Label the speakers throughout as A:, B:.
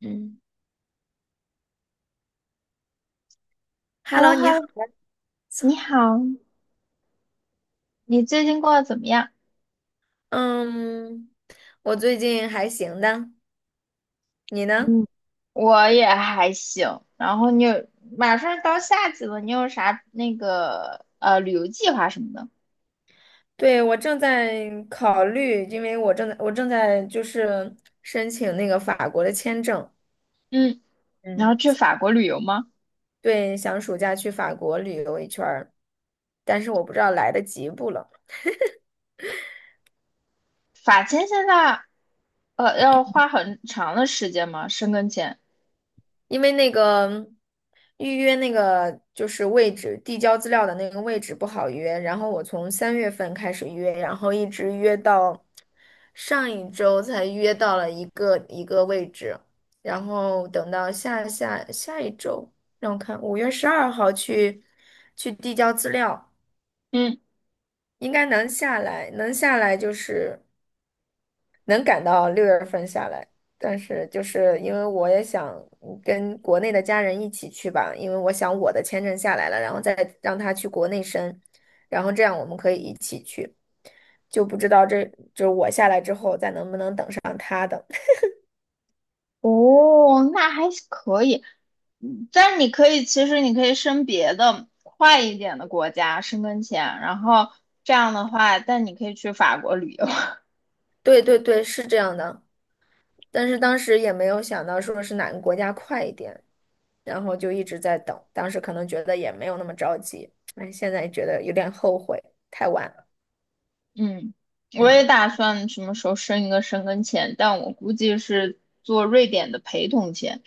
A: 嗯
B: h e l l
A: ，Hello，
B: o h
A: 你
B: e l
A: 好。
B: l o 你好，你最近过得怎么样？
A: 嗯，我最近还行的，你呢？
B: 嗯，我也还行。然后马上到夏季了，你有啥那个旅游计划什么的？
A: 对，我正在考虑，因为我正在就是申请那个法国的签证。
B: 嗯，你
A: 嗯，
B: 要去法国旅游吗？
A: 对，想暑假去法国旅游一圈儿，但是我不知道来得及不了。
B: 法签现在要花很长的时间吗？申根签？
A: 因为那个预约那个就是位置，递交资料的那个位置不好约，然后我从3月份开始约，然后一直约到上一周才约到了一个一个位置，然后等到下下下一周，让我看5月12号去递交资料，
B: 嗯，
A: 应该能下来，能下来就是。能赶到6月份下来，但是就是因为我也想跟国内的家人一起去吧，因为我想我的签证下来了，然后再让他去国内申，然后这样我们可以一起去，就不知道这就是我下来之后再能不能等上他的。
B: 哦，那还是可以。嗯但你可以，其实你可以申别的快一点的国家申根签，然后这样的话，但你可以去法国旅游。
A: 对对对，是这样的，但是当时也没有想到说是哪个国家快一点，然后就一直在等，当时可能觉得也没有那么着急，哎，现在觉得有点后悔，太晚了，
B: 嗯，我也
A: 嗯。
B: 打算什么时候申一个申根签，但我估计是做瑞典的陪同签。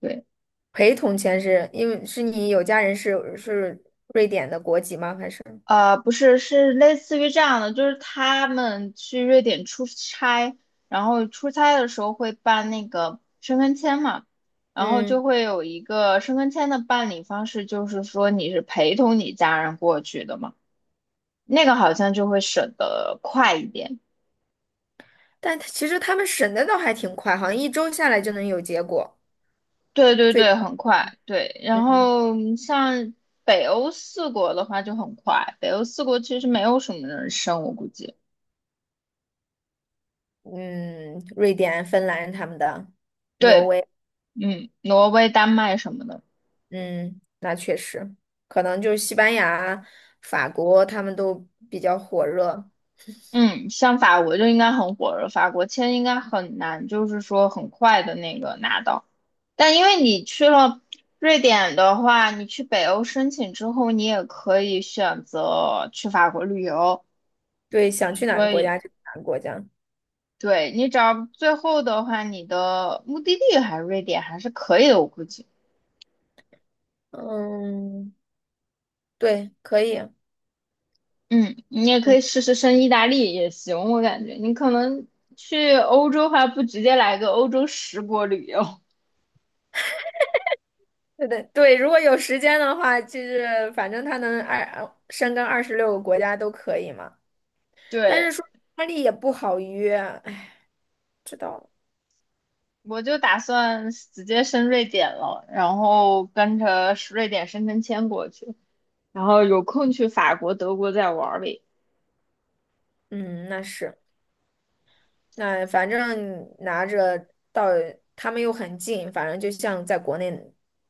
B: 对，
A: 陪同签是因为是你有家人是瑞典的国籍吗？还是
B: 不是，是类似于这样的，就是他们去瑞典出差，然后出差的时候会办那个申根签嘛，然后
A: 嗯？
B: 就会有一个申根签的办理方式，就是说你是陪同你家人过去的嘛，那个好像就会审得快一点。
A: 但他其实他们审的倒还挺快，好像一周下来就能有结果。
B: 对对
A: 最
B: 对，很快，对。然后嗯像北欧四国的话就很快，北欧四国其实没有什么人生，我估计。
A: 嗯，瑞典、芬兰他们的，挪
B: 对，
A: 威，
B: 嗯，挪威、丹麦什么的，
A: 嗯，那确实，可能就是西班牙、法国他们都比较火热。
B: 嗯，像法国就应该很火热，法国签应该很难，就是说很快的那个拿到。但因为你去了瑞典的话，你去北欧申请之后，你也可以选择去法国旅游。
A: 对，想去哪个
B: 所
A: 国家
B: 以。
A: 就去哪个国家。
B: 对，你只要最后的话，你的目的地还是瑞典还是可以的，我估计。
A: 嗯，对，可以。嗯，
B: 嗯，你也可以试试升意大利也行，我感觉你可能去欧洲的话，不直接来个欧洲十国旅游。
A: 对对对，如果有时间的话，就是反正他能二深耕26个国家都可以嘛。但是
B: 对，
A: 说意大利也不好约，哎，
B: 我就打算直接升瑞典了，然后跟着瑞典申根签过去，然后有空去法国、德国再玩儿呗。
A: 嗯，那是，那反正拿着到他们又很近，反正就像在国内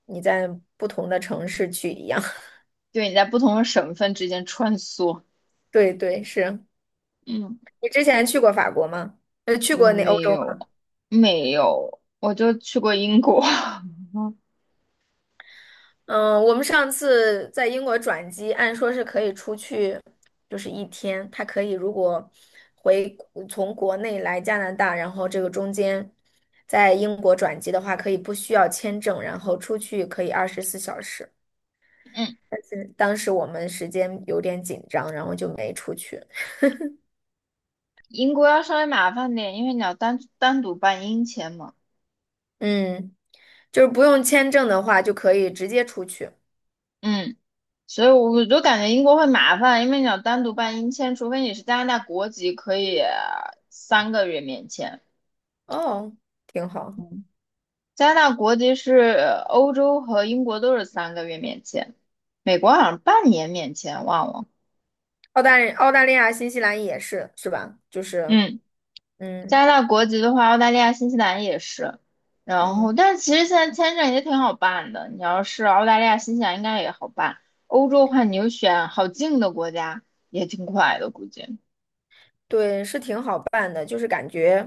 A: 你在不同的城市去一样。
B: 对，你在不同的省份之间穿梭。
A: 对对，是
B: 嗯，
A: 你之前去过法国吗？去过那欧
B: 没
A: 洲。
B: 有，没有，我就去过英国。
A: 嗯，我们上次在英国转机，按说是可以出去，就是一天。他可以如果回从国内来加拿大，然后这个中间在英国转机的话，可以不需要签证，然后出去可以24小时。
B: 嗯，
A: 但是当时我们时间有点紧张，然后就没出去。
B: 英国要稍微麻烦点，因为你要单独办英签嘛。
A: 嗯，就是不用签证的话，就可以直接出去。
B: 嗯，所以我就感觉英国会麻烦，因为你要单独办英签，除非你是加拿大国籍，可以三个月免签。
A: 哦，挺好。
B: 嗯，加拿大国籍是欧洲和英国都是三个月免签，美国好像半年免签，忘了。
A: 澳大利亚、新西兰也是，是吧？就是，
B: 嗯。
A: 嗯。
B: 加拿大国籍的话，澳大利亚、新西兰也是。然
A: 嗯。
B: 后，但其实现在签证也挺好办的。你要是澳大利亚、新西兰，应该也好办。欧洲的话，你就选好近的国家，也挺快的，估计。
A: 对，是挺好办的，就是感觉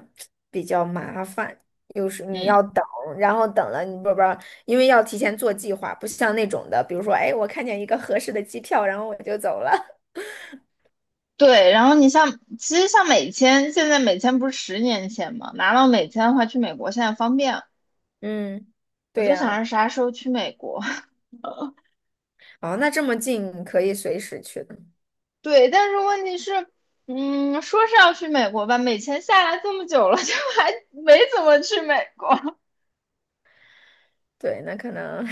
A: 比较麻烦，有时你
B: 嗯，
A: 要等，然后等了你不，因为要提前做计划，不像那种的，比如说，哎，我看见一个合适的机票，然后我就走了。
B: 对。然后你像，其实像美签，现在美签不是10年前嘛，拿到美签的话，去美国现在方便。
A: 嗯，
B: 我
A: 对
B: 就
A: 呀，
B: 想着啥时候去美国。
A: 哦，那这么近可以随时去的，
B: 对，但是问题是，嗯，说是要去美国吧，美签下来这么久了，就还没怎么去美国。
A: 对，那可能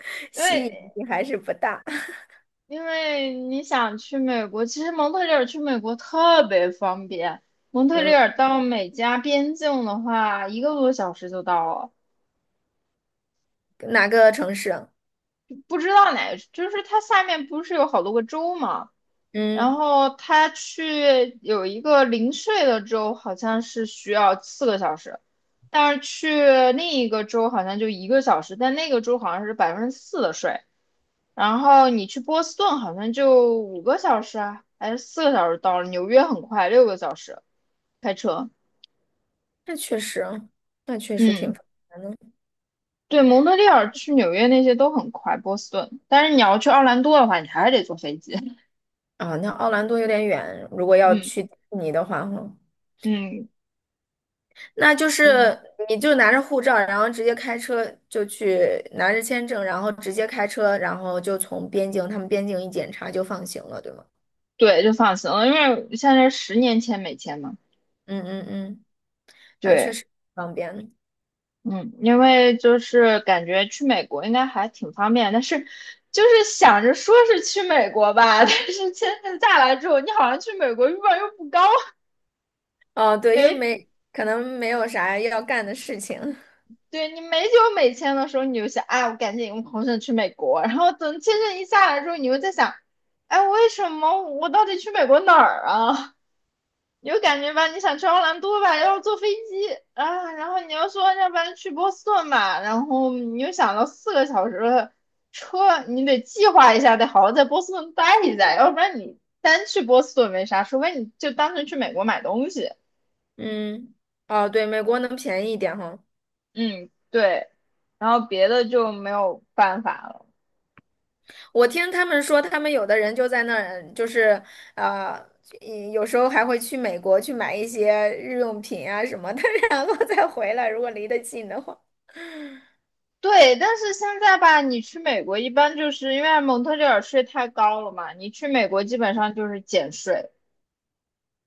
B: 因
A: 吸引
B: 为
A: 力还是不大。
B: 因为你想去美国，其实蒙特利尔去美国特别方便。蒙特利
A: 嗯，
B: 尔到美加边境的话，一个多小时就到了。
A: 哪个城市啊？
B: 不知道哪个，就是它下面不是有好多个州嘛？然
A: 嗯，
B: 后它去有一个零税的州，好像是需要四个小时，但是去另一个州好像就一个小时，但那个州好像是4%的税。然后你去波斯顿好像就5个小时啊，还是四个小时到了。纽约很快，6个小时开车。
A: 那确实，那确实挺
B: 嗯，
A: 烦的。
B: 对，蒙特利尔去纽约那些都很快，波斯顿。但是你要去奥兰多的话，你还是得坐飞机。
A: 啊、那奥兰多有点远，如果要去 迪士尼的话，哈。
B: 嗯嗯，
A: 那就是你就拿着护照，然后直接开车就去拿着签证，然后直接开车，然后就从边境，他们边境一检查就放行了，对吗？
B: 对，就放心了，因为现在10年签美签嘛。
A: 嗯嗯嗯，那确
B: 对，
A: 实方便。
B: 嗯，因为就是感觉去美国应该还挺方便，但是就是想着说是去美国吧，但是签证下来之后，你好像去美国欲望又不高。
A: 哦，对，因为
B: 没
A: 没可能没有啥要干的事情。
B: 对你没有美签的时候，你就想，哎，我赶紧我红线去美国。然后等签证一下来之后，你又在想，哎，为什么我到底去美国哪儿啊？你就感觉吧，你想去奥兰多吧，要坐飞机啊，然后你又说，要不然去波士顿吧，然后你又想到四个小时的车，你得计划一下，得好好在波士顿待一下，要不然你单去波士顿没啥，除非你就单纯去美国买东西。
A: 嗯，哦，对，美国能便宜一点哈。
B: 嗯，对，然后别的就没有办法了。
A: 我听他们说，他们有的人就在那儿，就是啊，一有时候还会去美国去买一些日用品啊什么的，然后再回来，如果离得近的话。
B: 对，但是现在吧，你去美国一般就是因为蒙特利尔税太高了嘛，你去美国基本上就是减税，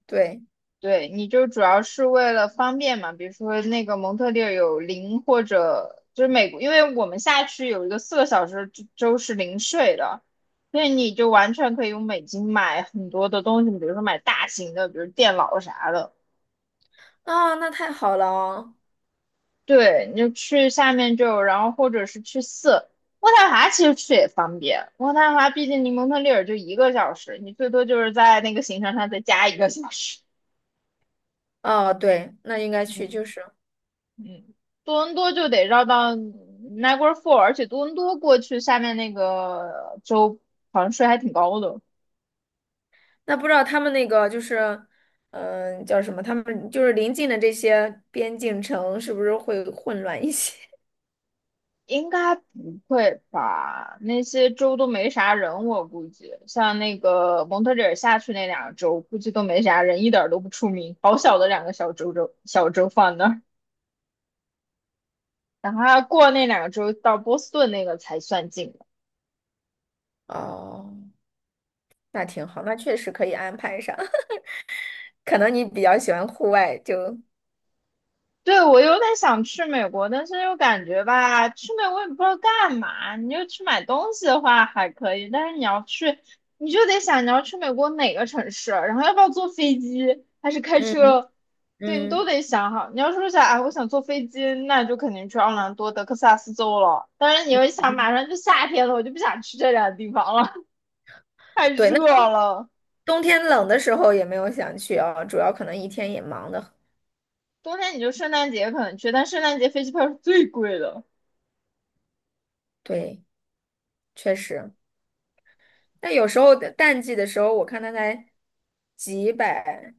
A: 对。
B: 对，你就主要是为了方便嘛，比如说那个蒙特利尔有零或者就是美国，因为我们下去有一个四个小时之州是零税的，所以你就完全可以用美金买很多的东西，比如说买大型的，比如电脑啥的。
A: 啊，那太好了哦。
B: 对，你就去下面就有然后或者是去渥太华，其实去也方便。渥太华毕竟离蒙特利尔就一个小时，你最多就是在那个行程上再加一个小时。
A: 哦，对，那应该去，
B: 嗯
A: 就是
B: 嗯，多伦多就得绕到 Niagara Falls，而且多伦多过去下面那个州好像税还挺高的。
A: 那不知道他们那个就是，嗯、叫什么？他们就是临近的这些边境城，是不是会混乱一些？
B: 应该不会吧？那些州都没啥人，我估计像那个蒙特利尔下去那两个州，估计都没啥人，一点儿都不出名。好小的两个小州放那儿，等他过那两个州到波士顿那个才算近。
A: 哦，那挺好，那确实可以安排上。可能你比较喜欢户外，就
B: 对，我有点想去美国，但是又感觉吧，去美国也不知道干嘛。你就去买东西的话还可以，但是你要去，你就得想你要去美国哪个城市，然后要不要坐飞机，还是开
A: 嗯
B: 车，对你都
A: 嗯，
B: 得想好。你要说想，哎，我想坐飞机，那就肯定去奥兰多、德克萨斯州了。但是你又想，马上就夏天了，我就不想去这两个地方了，太
A: 对。那
B: 热
A: 冬
B: 了。
A: 冬天冷的时候也没有想去啊，主要可能一天也忙的。
B: 冬天你就圣诞节可能去，但圣诞节飞机票是最贵的。
A: 对，确实。那有时候淡季的时候，我看他才几百，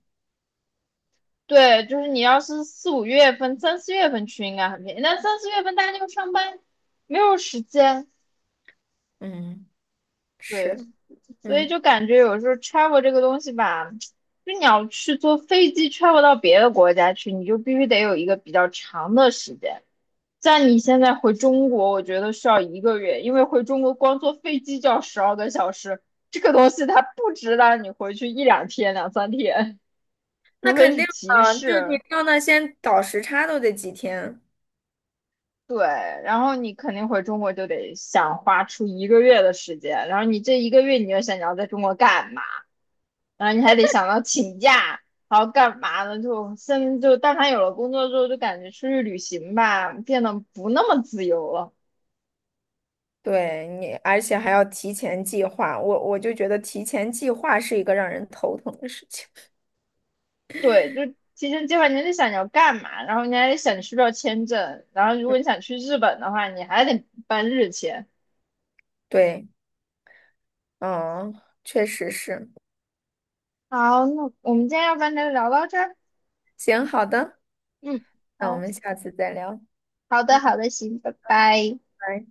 B: 对，就是你要是四五月份、三四月份去应该很便宜，但三四月份大家又上班，没有时间，
A: 嗯，
B: 对，
A: 是。
B: 所以
A: 嗯，
B: 就感觉有时候 travel 这个东西吧，就你要去坐飞机 travel 到别的国家去，你就必须得有一个比较长的时间。像你现在回中国，我觉得需要一个月，因为回中国光坐飞机就要12个小时，这个东西它不值得你回去一两天、两三天，
A: 那
B: 除非
A: 肯定
B: 是急
A: 的，就是你
B: 事。
A: 到那先倒时差都得几天。
B: 对，然后你肯定回中国就得想花出一个月的时间，然后你这一个月你就想你要在中国干嘛，然后你还得想到请假，然后干嘛呢？就现在就但凡有了工作之后，就感觉出去旅行吧，变得不那么自由了。
A: 对你，而且还要提前计划。我就觉得提前计划是一个让人头疼的事情。
B: 对，就提前计划，你还得想你要干嘛，然后你还得想你需不需要签证，然后如
A: 嗯，
B: 果你想去日本的话，你还得办日签。
A: 对，嗯，确实是。
B: 好，那我们今天要不然就聊到这儿。
A: 行，好的，
B: 嗯，
A: 那我
B: 好，
A: 们下次再聊，
B: 好的，好
A: 嗯。
B: 的，行，拜拜。
A: 拜。